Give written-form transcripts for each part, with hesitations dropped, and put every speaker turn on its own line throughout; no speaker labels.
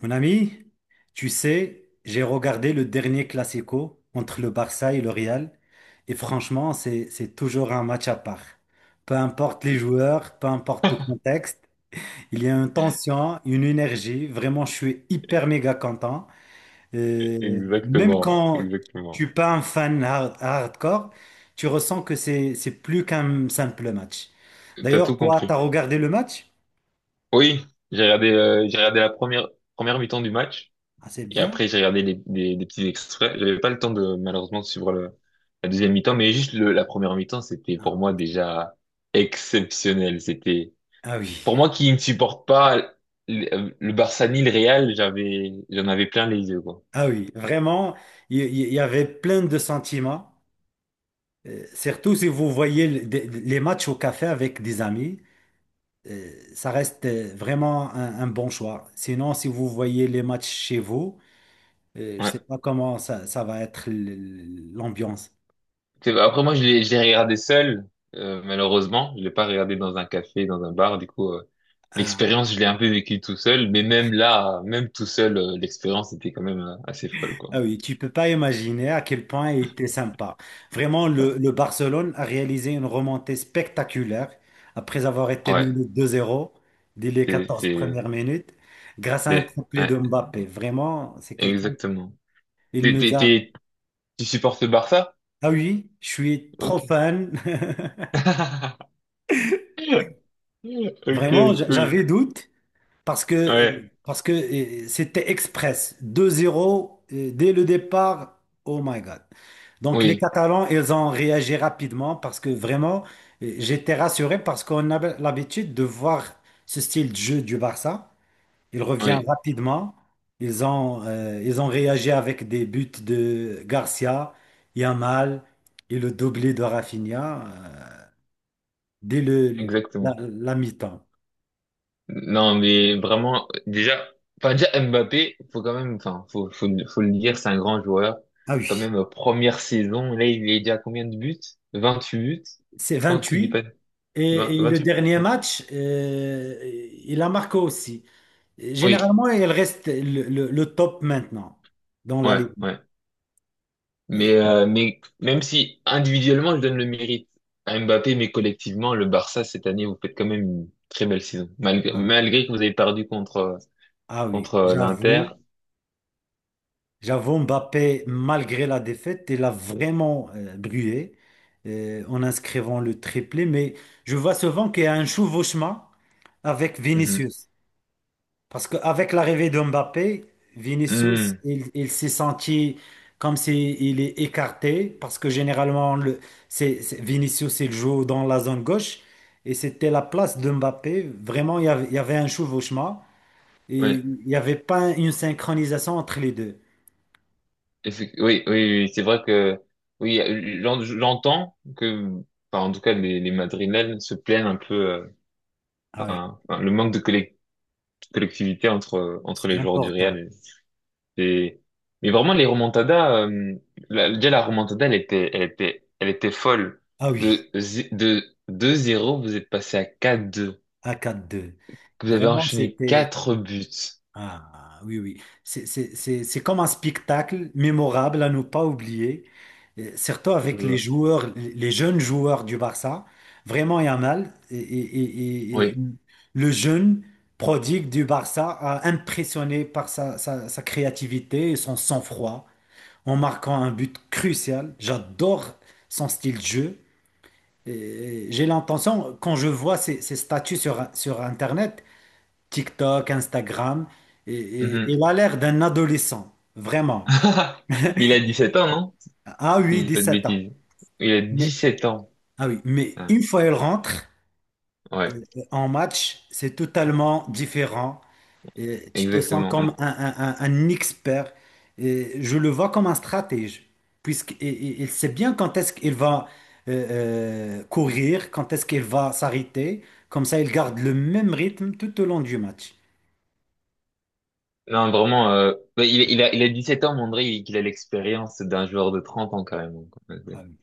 Mon ami, tu sais, j'ai regardé le dernier Classico entre le Barça et le Real, et franchement, c'est toujours un match à part. Peu importe les joueurs, peu importe le contexte, il y a une tension, une énergie. Vraiment, je suis hyper méga content. Même
Exactement,
quand tu
exactement.
n'es pas un fan hardcore, tu ressens que c'est plus qu'un simple match.
T'as
D'ailleurs,
tout
toi, tu as
compris.
regardé le match?
Oui, j'ai regardé la première mi-temps du match
Ah, c'est
et
bien.
après j'ai regardé des petits extraits. J'avais pas le temps de malheureusement de suivre la deuxième mi-temps, mais juste la première mi-temps c'était pour
Ah
moi déjà exceptionnel. C'était
ah oui.
pour moi qui ne supporte pas le Barça ni le Real, j'en avais plein les yeux quoi.
Ah oui, vraiment, il y avait plein de sentiments. Surtout si vous voyez les matchs au café avec des amis, ça reste vraiment un bon choix. Sinon, si vous voyez les matchs chez vous, je ne
Ouais.
sais pas comment ça va être l'ambiance.
Après, moi, je regardé seul, malheureusement. Je l'ai pas regardé dans un café, dans un bar. Du coup, l'expérience, je l'ai un peu vécue tout seul. Mais même là, même tout seul, l'expérience était quand même assez folle, quoi.
Ah oui, tu peux pas imaginer à quel point il était sympa. Vraiment, le Barcelone a réalisé une remontée spectaculaire après avoir été
Ouais,
mené 2-0 dès les
c'est,
14
c'est,
premières minutes grâce à un
c'est,
triplé
ouais,
de Mbappé. Vraiment, c'est quelqu'un.
exactement.
Il
T'es,
nous
t'es,
a.
t'es- tu supportes le Barça?
Ah oui, je suis trop
Ok.
fan.
Ok,
Vraiment,
cool.
j'avais doute parce que,
Ouais,
parce que c'était express. 2-0 dès le départ. Oh my God. Donc les
oui,
Catalans, ils ont réagi rapidement parce que vraiment, j'étais rassuré parce qu'on a l'habitude de voir ce style de jeu du Barça. Il revient
oui,
rapidement. Ils ont réagi avec des buts de Garcia, Yamal et le doublé de Rafinha euh, dès
exactement.
la mi-temps.
Non, mais vraiment, déjà, enfin, déjà, Mbappé, faut quand même, enfin, faut le dire, c'est un grand joueur.
Ah
Quand
oui.
même, première saison, là, il est déjà à combien de buts? 28 buts?
C'est
Non, si je dis
28.
pas, 20
Et, le
28?
dernier
Ouais.
match, il a marqué aussi.
Oui,
Généralement, il reste le top maintenant dans la Ligue.
ouais.
Et-
Mais même si individuellement, je donne le mérite à Mbappé, mais collectivement, le Barça, cette année, vous faites quand même une très belle saison.
ah oui.
Malgré que vous avez perdu
Ah oui,
contre l'Inter.
j'avoue, Mbappé, malgré la défaite, il a vraiment brûlé en inscrivant le triplé. Mais je vois souvent qu'il y a un chevauchement avec
Mhm.
Vinicius. Parce qu'avec l'arrivée de Mbappé, Vinicius,
Mhm.
il s'est senti comme s'il est écarté, parce que généralement, Vinicius, il joue dans la zone gauche, et c'était la place de Mbappé. Vraiment, il y avait un chevauchement, et
Ouais.
il n'y avait pas une synchronisation entre les deux.
Oui, c'est vrai que oui, j'entends que, enfin, en tout cas, les Madrilènes se plaignent un peu,
Ah oui,
enfin, le manque de collectivité entre
c'est
les joueurs du
important.
Real. Et, mais vraiment, les remontadas, déjà la remontada, elle était folle.
Ah oui,
De de 2-0 vous êtes passé à 4-2.
à 4-2.
Vous avez
Vraiment,
enchaîné
c'était...
4 buts.
Ah oui, oui. C'est comme un spectacle mémorable à ne pas oublier. Surtout avec les
Euh,
joueurs, les jeunes joueurs du Barça. Vraiment, Yamal
Oui.
le jeune prodigue du Barça a impressionné par sa créativité et son sang-froid en marquant un but crucial. J'adore son style de jeu. Et j'ai l'intention, quand je vois ses statuts sur Internet, TikTok, Instagram.
Mhm.
Il a l'air d'un adolescent, vraiment.
Mais il a 17 ans, non? Si
Ah
je
oui,
dis pas de
17 ans.
bêtises. Il a dix
Mais,
sept ans.
ah oui, mais
Ah.
une fois il rentre
Ouais,
euh, en match, c'est totalement différent. Et tu te sens
exactement.
comme un expert. Et je le vois comme un stratège, puisqu'il sait bien quand est-ce qu'il va courir, quand est-ce qu'il va s'arrêter. Comme ça, il garde le même rythme tout au long du match.
Non, vraiment, mais il a 17 ans, mais on dirait qu'il a l'expérience d'un joueur de 30 ans, carrément, quoi.
Ah oui.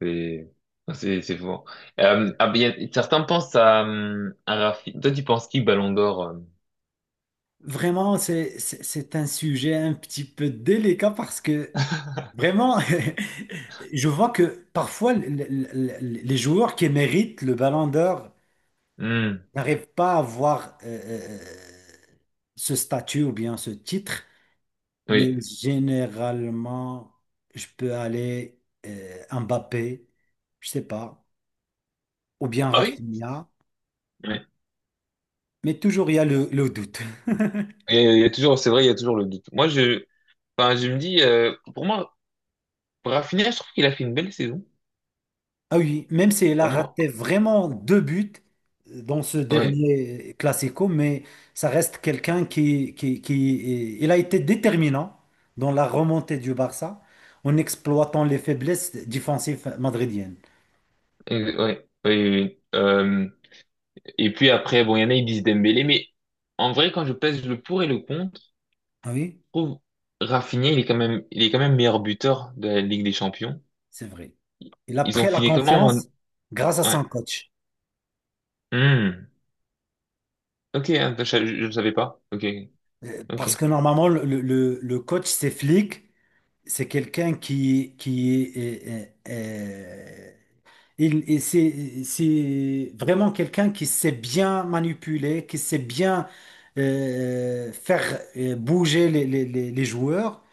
c'est, enfin, c'est fou. Ah, ben, certains pensent à Rafi. Toi, tu penses qui, Ballon d'Or? Euh.
Vraiment, c'est un sujet un petit peu délicat parce que vraiment, je vois que parfois les joueurs qui méritent le ballon d'or
Hmm,
n'arrivent pas à avoir ce statut ou bien ce titre, mais
oui.
généralement, je peux aller Mbappé, je sais pas, ou bien
Ah oui?
Rafinha,
Ouais.
mais toujours il y a le doute.
Et il y a toujours, c'est vrai, il y a toujours le doute. Moi, je, enfin, je me dis, pour moi, Rafinha, je trouve qu'il a fait une belle saison.
Ah oui, même si elle a
Pour moi,
raté vraiment 2 buts dans ce
ouais.
dernier Classico, mais ça reste quelqu'un qui il a été déterminant dans la remontée du Barça en exploitant les faiblesses défensives madridiennes.
Ouais, oui, oui. Et puis après, bon, il y en a, ils disent Dembélé, mais en vrai, quand je pèse le pour et le contre,
Ah oui,
je trouve Rafinha, il est quand même, il est quand même meilleur buteur de la Ligue des Champions.
c'est vrai. Il a
Ils ont
pris la
fini comment? En-.
confiance grâce à
Ouais.
son coach.
Hmm. Ok, hein, ne savais pas. Ok, ok.
Parce que normalement, le coach, c'est flic, c'est quelqu'un qui est, Il, et c'est vraiment quelqu'un qui sait bien manipuler, qui sait bien faire bouger les joueurs.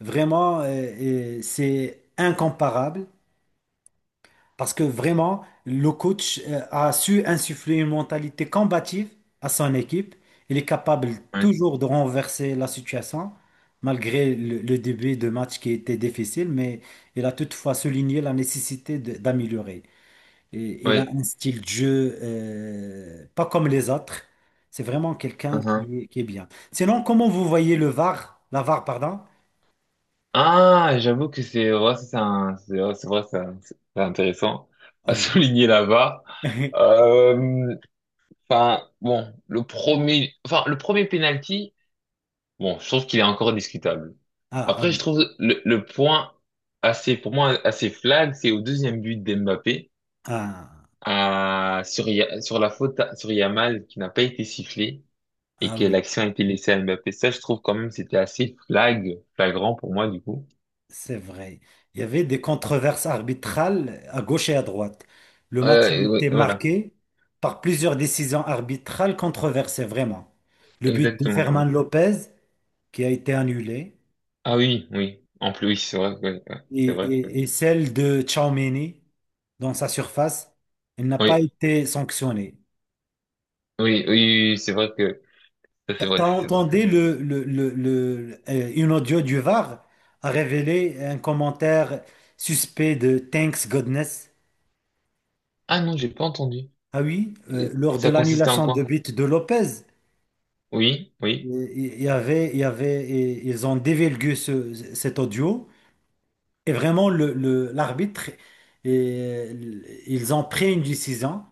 Vraiment, c'est incomparable parce que vraiment, le coach a su insuffler une mentalité combative à son équipe. Il est capable
Ouais,
toujours de renverser la situation, malgré le début de match qui était difficile, mais il a toutefois souligné la nécessité d'améliorer. Et il a
ouais.
un style de jeu, pas comme les autres. C'est vraiment quelqu'un
Uhum.
qui est bien. Sinon, comment vous voyez le VAR, la VAR, pardon?
Ah, j'avoue que c'est un, c'est ouais, c'est vrai, c'est intéressant
Ah
à
oui.
souligner là-bas. Euh, enfin, bon, enfin, le premier penalty. Bon, je trouve qu'il est encore discutable.
Ah, ah
Après, je
oui.
trouve le point assez, pour moi, assez flag, c'est au deuxième but d'Mbappé,
Ah,
sur la faute sur Yamal qui n'a pas été sifflé et
ah
que
oui.
l'action a été laissée à Mbappé. Ça, je trouve quand même c'était flagrant pour moi, du coup.
C'est vrai. Il y avait des controverses arbitrales à gauche et à droite. Le match
Et
il
oui,
était
voilà,
marqué par plusieurs décisions arbitrales controversées, vraiment. Le but de
exactement, ouais.
Ferman Lopez qui a été annulé.
Ah oui, oui. En plus, oui,
et,
c'est vrai que,
et- et celle de Tchouaméni dans sa surface, elle n'a
oui,
pas été sanctionnée.
oui, c'est vrai que,
T'as
ça
entendu
c'est vrai.
une audio du VAR a révélé un commentaire suspect de Thanks Godness.
Ah non, j'ai pas entendu.
Ah oui,
Et
lors de
ça consistait en
l'annulation de
quoi?
but de Lopez,
Oui, oui.
il y avait, et ils ont dévélgué cet audio. Et vraiment, l'arbitre, et- ils ont pris une décision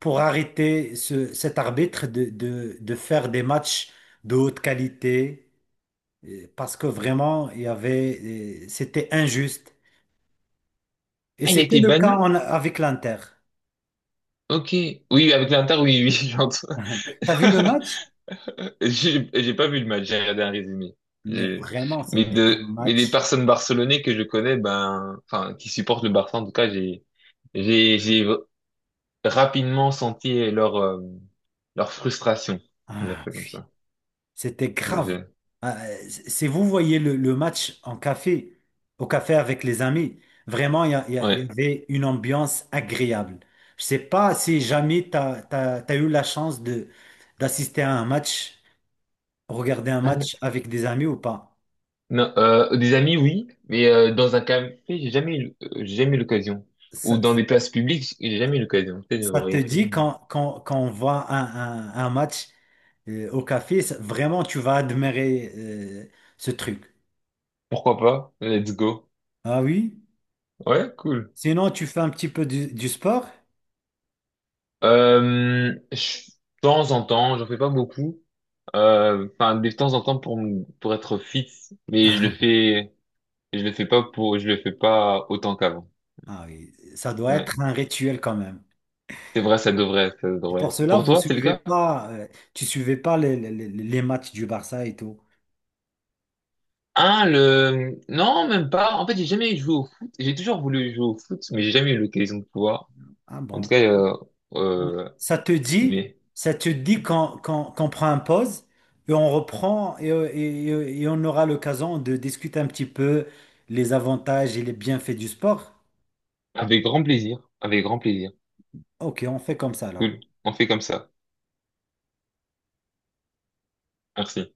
pour arrêter cet arbitre de faire des matchs de haute qualité parce que vraiment, c'était injuste. Et
Ah, il a
c'était
été
le cas
banni?
en- avec l'Inter.
Ok. Oui, avec l'Inter, oui, oui, j'entends.
T'as vu le match?
J'ai pas vu le match, j'ai regardé un résumé.
Mais
J'ai-.
vraiment,
Mais
c'était un
de, mais les
match.
personnes barcelonaises que je connais, ben, enfin, qui supportent le Barça, en tout cas, j'ai rapidement senti leur, leur frustration. On va dire
Ah,
ça comme ça.
c'était grave.
Je-.
Si vous voyez le match en café, au café avec les amis, vraiment, il y
Ouais.
avait une ambiance agréable. Je sais pas si jamais tu as eu la chance de d'assister à un match, regarder un match
Ah,
avec des amis ou pas.
Non, des amis, oui, mais dans un café, j'ai jamais eu l'occasion. Ou
Ça,
dans des places publiques, j'ai jamais eu l'occasion. Peut-être que
Ça
j'aurais
te
essayé.
dit quand, quand on voit un match au café, ça- vraiment, tu vas admirer ce truc.
Pourquoi pas? Let's go.
Ah oui?
Ouais, cool.
Sinon, tu fais un petit peu du sport?
Je- de temps en temps, j'en fais pas beaucoup. Enfin, de temps en temps pour pour être fit, mais je le fais pas pour, je le fais pas autant qu'avant.
Ah oui, ça doit
Ouais,
être un rituel quand même.
c'est vrai, ça
C'est pour
devrait.
cela,
Pour
vous
toi, c'est le
suivez
cas?
pas, tu suivais pas les matchs du Barça et tout.
Ah, le, non, même pas. En fait, j'ai jamais joué au foot. J'ai toujours voulu jouer au foot, mais j'ai jamais eu l'occasion de pouvoir.
Ah
En
bon.
tout cas, euh,
Ça te dit,
mais
Ça te dit qu'on qu'on prend un pause et on reprend et et on aura l'occasion de discuter un petit peu les avantages et les bienfaits du sport.
avec grand plaisir, avec grand plaisir.
Ok, on fait comme ça alors.
Cool. On fait comme ça. Merci.